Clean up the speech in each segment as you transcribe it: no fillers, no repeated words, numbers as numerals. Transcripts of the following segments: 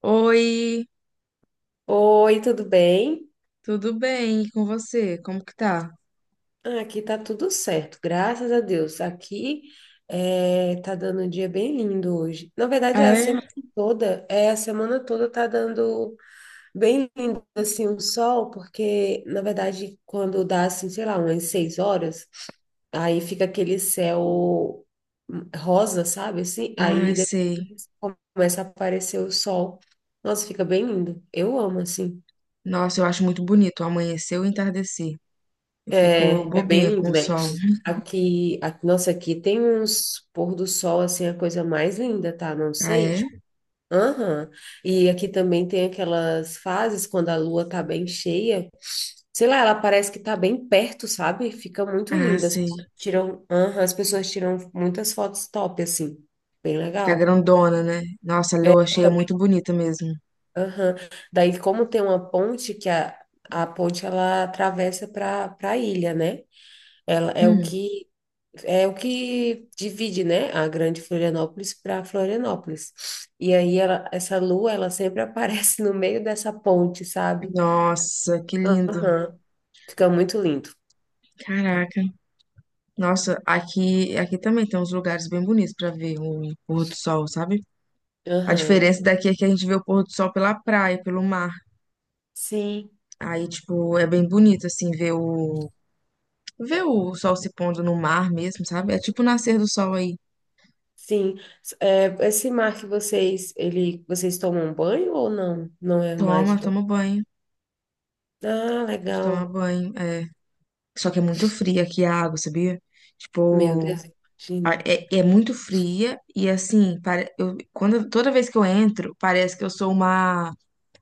Oi, Oi, tudo bem? tudo bem? E com você? Como que tá? Ah, aqui tá tudo certo, graças a Deus. Aqui tá dando um dia bem lindo hoje. Na verdade, Ah, é? A semana toda tá dando bem lindo assim o sol, porque na verdade quando dá assim, sei lá, umas 6 horas, aí fica aquele céu rosa, sabe? Assim, Ai, aí sei. depois começa a aparecer o sol. Nossa, fica bem lindo. Eu amo assim. Nossa, eu acho muito bonito o amanhecer e o entardecer. Eu fico É, é bem bobinha com lindo, o né? sol. Aqui, nossa, aqui tem uns pôr do sol, assim, a coisa mais linda, tá? Não Ah, sei, é? tipo, aham. E aqui também tem aquelas fases quando a lua tá bem cheia, sei lá, ela parece que tá bem perto, sabe? Fica muito Ah, linda. Sei. Aham, as pessoas tiram muitas fotos top, assim, bem Fica legal. grandona, né? Nossa, a lua cheia é Fica bem- muito bonita mesmo. Aham. Daí, como tem uma ponte, que a ponte, ela atravessa para a ilha, né? Ela é o Hum. que é o que divide, né, a Grande Florianópolis para Florianópolis. E aí ela, essa lua, ela sempre aparece no meio dessa ponte, sabe? Nossa, que lindo. Aham. Fica muito lindo. Caraca. Nossa, aqui também tem uns lugares bem bonitos pra ver o pôr do sol, sabe? A Aham. diferença daqui é que a gente vê o pôr do sol pela praia, pelo mar. Sim. Aí, tipo, é bem bonito, assim, Ver o sol se pondo no mar mesmo, sabe? É Aham. tipo o nascer do sol aí. Sim. É, esse mar, vocês tomam banho ou não? Não é mar de Toma, tomar. toma banho. Ah, A gente toma legal. banho. É. Só que é muito fria aqui a água, sabia? Meu Deus, Tipo, imagino. é, é muito fria e assim, toda vez que eu entro, parece que eu sou uma.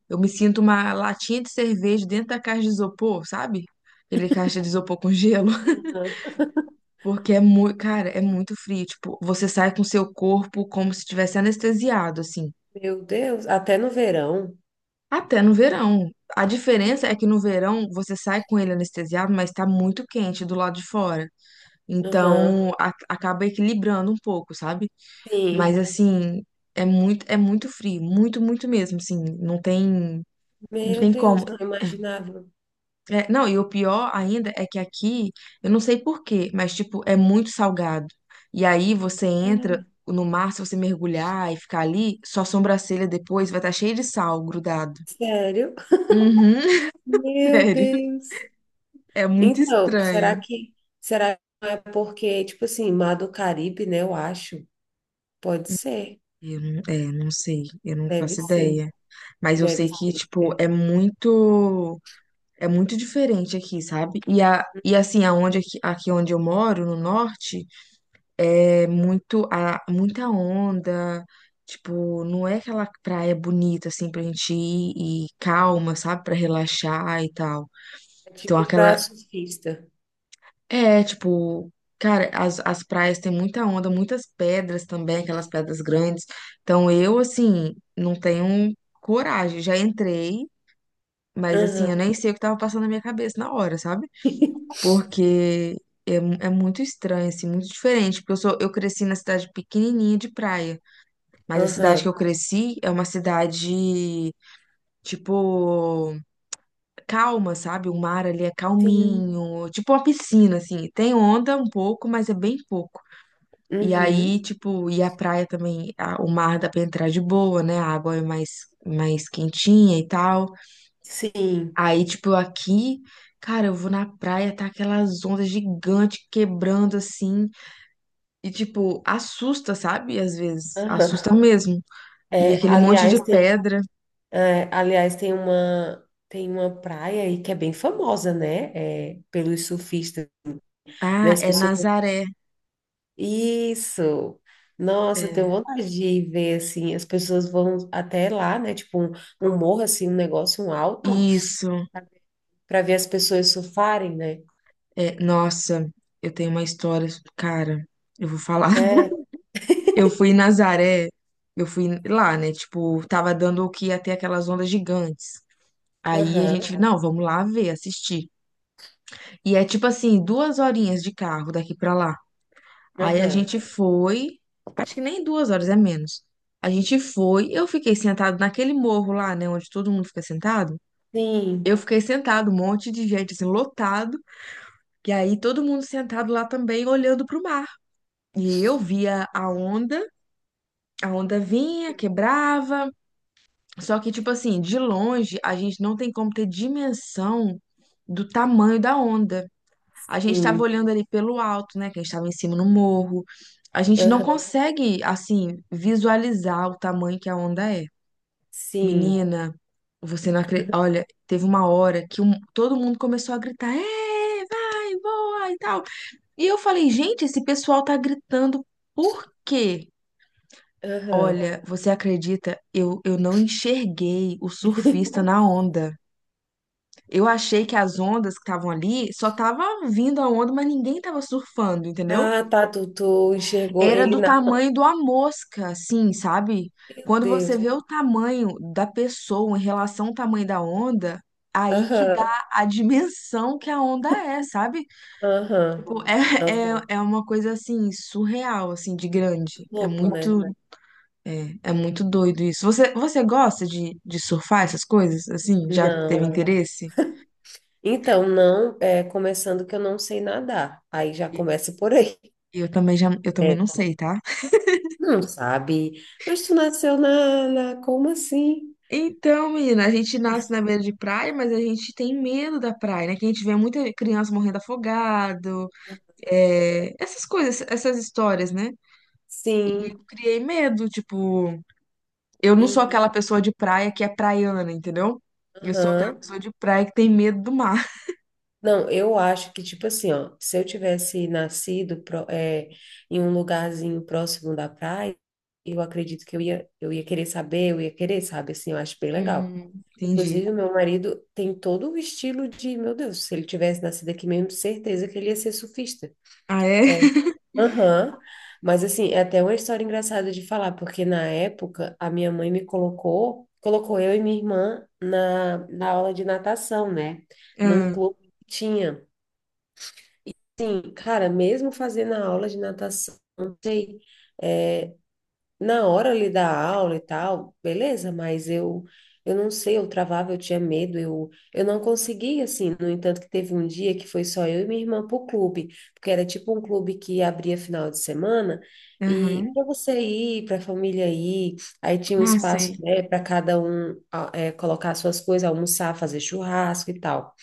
Eu me sinto uma latinha de cerveja dentro da caixa de isopor, sabe? Aquele caixa de isopor com gelo. Aham. Porque é muito, cara, é muito frio. Tipo, você sai com seu corpo como se tivesse anestesiado, assim. Meu Deus, até no verão. Até no verão. A Que diferença é lou- que no verão você sai com ele anestesiado, mas tá muito quente do lado de fora. Aham. Então acaba equilibrando um pouco, sabe? Mas Sim. assim, é muito frio, muito, muito mesmo, assim, não tem, não Meu tem como. Deus, não imaginava. É, não, e o pior ainda é que aqui, eu não sei por quê, mas tipo, é muito salgado. E aí você entra Ah, no mar, se você mergulhar e ficar ali, sua sobrancelha depois vai estar cheia de sal grudado. sério? Uhum, Meu sério. Deus. É muito Então, será estranho. que será que não é porque, tipo assim, Mar do Caribe, né? Eu acho. Pode ser. Eu não, é, não sei, eu não Deve faço ser. ideia. Mas eu Deve sei que, ser. tipo, É é muito diferente aqui, sabe? E assim, aonde aqui, aqui onde eu moro, no norte, é muito, muita onda. Tipo, não é aquela praia bonita, assim, pra gente ir e calma, sabe? Pra relaxar e tal. É Então, tipo pra aquela, surfista. é, tipo, cara, as praias têm muita onda, muitas pedras também, aquelas pedras grandes. Então eu, assim, não tenho coragem. Já entrei, mas assim, eu Aham. nem sei o que tava passando na minha cabeça na hora, sabe? Porque é, é muito estranho, assim, muito diferente. Porque eu sou, eu cresci na cidade pequenininha de praia, mas a cidade que Aham. eu cresci é uma cidade, tipo, calma, sabe? O mar ali é Sim. calminho, tipo uma piscina, assim. Tem onda um pouco, mas é bem pouco. E aí, Uhum. tipo, e a praia também, o mar dá pra entrar de boa, né? A água é mais, mais quentinha e tal. Sim. Aí, tipo, aqui, cara, eu vou na praia, tá aquelas ondas gigantes quebrando assim. E, tipo, assusta, sabe? Às vezes, assusta Aham. mesmo. E É, aquele monte de aliás, pedra. Tem uma praia aí que é bem famosa, né? É, pelos surfistas, né? Ah, As é pessoas Nazaré. Isso. Nossa, eu tenho É, vontade de ver, assim, as pessoas vão até lá, né? Tipo, um morro, assim, um negócio, um alto, isso. para ver as pessoas surfarem, né? É, nossa, eu tenho uma história, cara, eu vou falar. É, Eu fui em Nazaré, eu fui lá, né? Tipo, tava dando o que ia ter aquelas ondas gigantes. Aí a aham, gente, aham, não, vamos lá ver, assistir. E é tipo assim, duas horinhas de carro daqui pra lá. Aí a aham. gente foi, acho que nem duas horas, é menos. A gente foi, eu fiquei sentado naquele morro lá, né? Onde todo mundo fica sentado. Sim, Eu fiquei sentado, um monte de gente, assim, lotado. E aí todo mundo sentado lá também, olhando pro mar. E eu via a onda vinha, quebrava. Só que, tipo assim, de longe, a gente não tem como ter dimensão do tamanho da onda. A gente estava sim, olhando ali pelo alto, né? Que a gente estava em cima no morro. A gente não aham, consegue, assim, visualizar o tamanho que a onda é. sim, Menina, você não acredita. Olha, teve uma hora que todo mundo começou a gritar: é, vai, voa e tal. E eu falei: gente, esse pessoal tá gritando por quê? aham. Olha, você acredita? Eu não enxerguei o surfista na onda. Eu achei que as ondas que estavam ali só tava vindo a onda, mas ninguém tava surfando, entendeu? Ah, tá, tu enxergou Era ele do na. tamanho de uma mosca, assim, sabe? Meu Quando você Deus. vê o tamanho da pessoa em relação ao tamanho da onda, aí que dá Aham, a dimensão que a onda é, sabe? aham. Tipo, Nossa, é muito é uma coisa assim, surreal, assim, de grande. É louco, né? muito, é, é muito doido isso. Você, você gosta de surfar essas coisas, assim? Já teve Não. interesse? Então, não, começando que eu não sei nadar. Aí já E- começa por aí. Eu também já, eu também É. não sei, tá? Não sabe? Mas tu nasceu na. Como assim? Então, menina, a gente nasce na beira de praia, mas a gente tem medo da praia, né? Que a gente vê muita criança morrendo afogado, é, essas coisas, essas histórias, né? E eu Sim. criei medo, tipo, eu não sou Então, aquela pessoa de praia que é praiana, entendeu? Eu sou aquela aham. pessoa de praia que tem medo do mar. Não, eu acho que, tipo assim, ó, se eu tivesse nascido em um lugarzinho próximo da praia, eu acredito que eu ia querer saber, eu ia querer, sabe? Assim, eu acho bem legal. Hum, entendi. Inclusive, o meu marido tem todo o estilo de, meu Deus, se ele tivesse nascido aqui mesmo, certeza que ele ia ser surfista. Ah, é? É. Aham. Mas assim, é até uma história engraçada de falar, porque na época a minha mãe me colocou eu e minha irmã na aula de natação, né? Num Ah, clube que tinha. E assim, cara, mesmo fazendo a aula de natação, não sei. é, Na hora ali da aula e tal, beleza, mas eu não sei, eu travava, eu tinha medo, eu não conseguia assim. No entanto, que teve um dia que foi só eu e minha irmã pro clube, porque era tipo um clube que abria final de semana e aham. para você ir, para a família ir, aí tinha um Ah, espaço, sei. né, para cada um colocar suas coisas, almoçar, fazer churrasco e tal.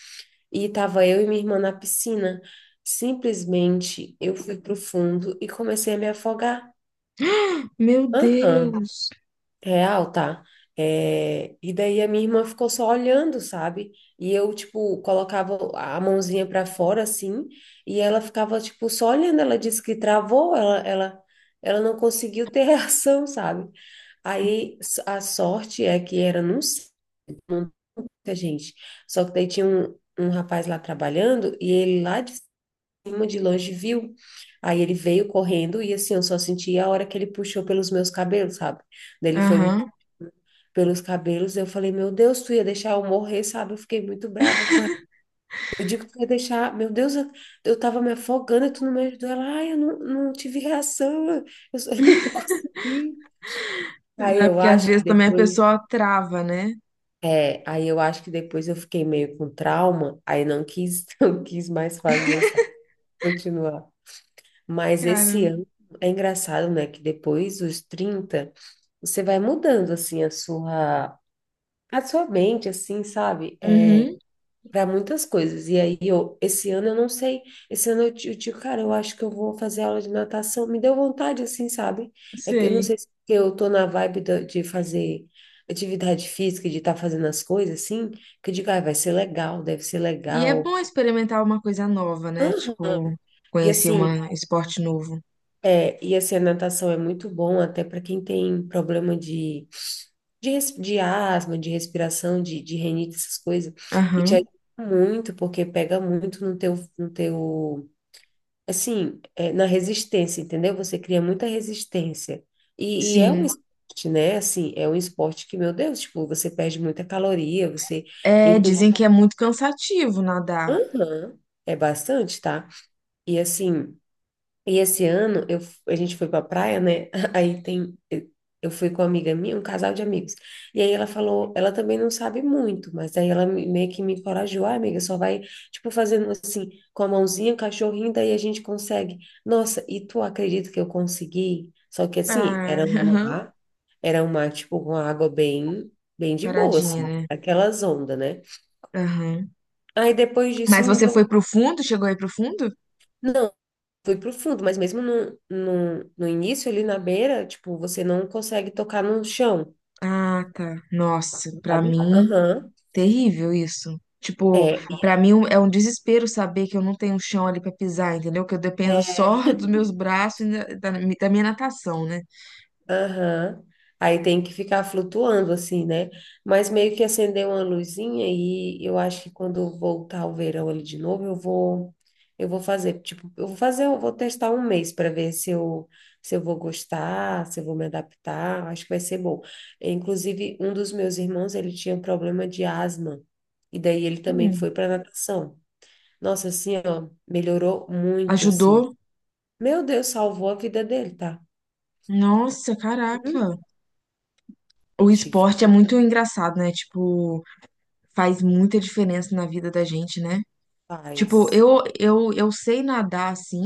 E tava eu e minha irmã na piscina. Simplesmente eu fui pro fundo e comecei a me afogar. Meu Aham. Deus. Real, tá? É, e daí a minha irmã ficou só olhando, sabe? E eu, tipo, colocava a mãozinha pra fora, assim, e ela ficava, tipo, só olhando. Ela disse que travou, ela não conseguiu ter reação, sabe? A sorte é que era num cerca, gente. Só que daí tinha um rapaz lá trabalhando e ele lá de cima, de longe, viu. Aí ele veio correndo e, assim, eu só senti a hora que ele puxou pelos meus cabelos, sabe? Daí ele foi me Aham. pelos cabelos. Eu falei, meu Deus, tu ia deixar eu morrer, sabe? Eu fiquei muito brava com ela. Eu digo, tu ia deixar, meu Deus, eu tava me afogando e tu não me ajudou. Ela, ai, eu não tive reação, eu não consegui. Aí É eu porque às acho que vezes também a depois, pessoa trava, né? Aí eu acho que depois eu fiquei meio com trauma, aí não quis, não quis mais fazer, sabe? Continuar. Mas esse Cara. ano é engraçado, né? Que depois dos 30 você vai mudando assim a sua mente, assim, sabe? É, Uhum, para muitas coisas. E aí, eu, esse ano eu não sei, esse ano eu, eu digo, cara, eu acho que eu vou fazer aula de natação. Me deu vontade, assim, sabe? É que eu não sei. sei se porque eu tô na vibe de fazer atividade física, de estar fazendo as coisas, assim, que eu digo, ah, vai ser legal, deve ser E é legal. bom experimentar uma coisa nova, né? Aham. Tipo, E conhecer assim, um esporte novo. A natação é muito bom até para quem tem problema de, de asma, de respiração, de rinite, essas coisas. E te Aham, ajuda muito, porque pega muito no teu, no teu assim, é, na resistência, entendeu? Você cria muita resistência. E é um sim. esporte, né? Assim, é um esporte que, meu Deus, tipo, você perde muita caloria, você, É, inclusive, dizem que é muito cansativo nadar. aham, é bastante, tá? E assim, e esse ano a gente foi pra praia, né? Aí tem. Eu fui com uma amiga minha, um casal de amigos. E aí ela falou, ela também não sabe muito, mas aí ela meio que me encorajou, ah, amiga, só vai, tipo, fazendo assim, com a mãozinha, o cachorrinho, daí a gente consegue. Nossa, e tu acredita que eu consegui? Só que assim, Ah, era um aham. mar, era um mar, tipo, com a água bem, bem de boa, Paradinha, assim, né? aquelas ondas, né? Aham. Aí depois disso Mas me você deu. foi pro fundo? Chegou aí pro fundo? Fui pro fundo, mas mesmo no início, ali na beira, tipo, você não consegue tocar no chão, Ah, tá. Nossa, pra sabe? mim, Aham. terrível isso. Tipo, É. pra mim um, é um desespero saber que eu não tenho chão ali pra pisar, entendeu? Que eu dependo só dos meus braços e da, da minha natação, né? Aham. Aí tem que ficar flutuando assim, né? Mas meio que acender uma luzinha e eu acho que quando voltar o verão ali de novo, eu vou fazer, tipo, eu vou fazer, eu vou testar um mês para ver se eu vou gostar, se eu vou me adaptar, acho que vai ser bom. Inclusive, um dos meus irmãos, ele tinha um problema de asma e daí ele também Hum. foi para natação. Nossa, assim, ó, melhorou muito assim. Ajudou? Meu Deus, salvou a vida dele, tá? Nossa, Hum, caraca. O te esporte é muito engraçado, né? Tipo, faz muita diferença na vida da gente, né? Tipo, faz. eu sei nadar assim,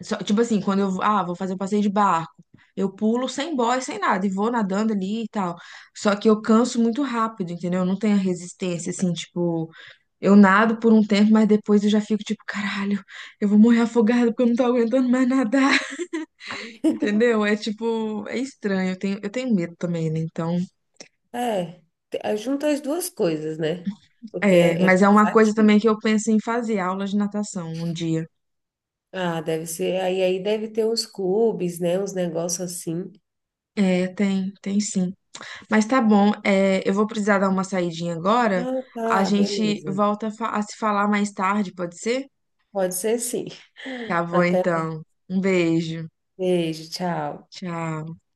tipo assim, quando eu ah, vou fazer um passeio de barco, eu pulo sem boia, sem nada, e vou nadando ali e tal. Só que eu canso muito rápido, entendeu? Eu não tenho a resistência, assim, tipo, eu E- nado por um tempo, mas depois eu já fico tipo, caralho, eu vou morrer afogada porque eu não tô aguentando mais nadar, entendeu? É tipo, é estranho, eu tenho medo também, né? Então. É, aí junta as duas coisas, né? Porque É, é mas é uma coisa também cansativo. que eu penso em fazer, aula de natação um dia. Ah, deve ser. Aí deve ter uns clubes, né? Uns negócios assim. É, tem, tem sim. Mas tá bom, é, eu vou precisar dar uma saidinha agora. Ah, A tá, gente beleza. volta a se falar mais tarde, pode ser? Pode ser sim. Tá bom, Até. então. Um beijo. Beijo, tchau. Tchau.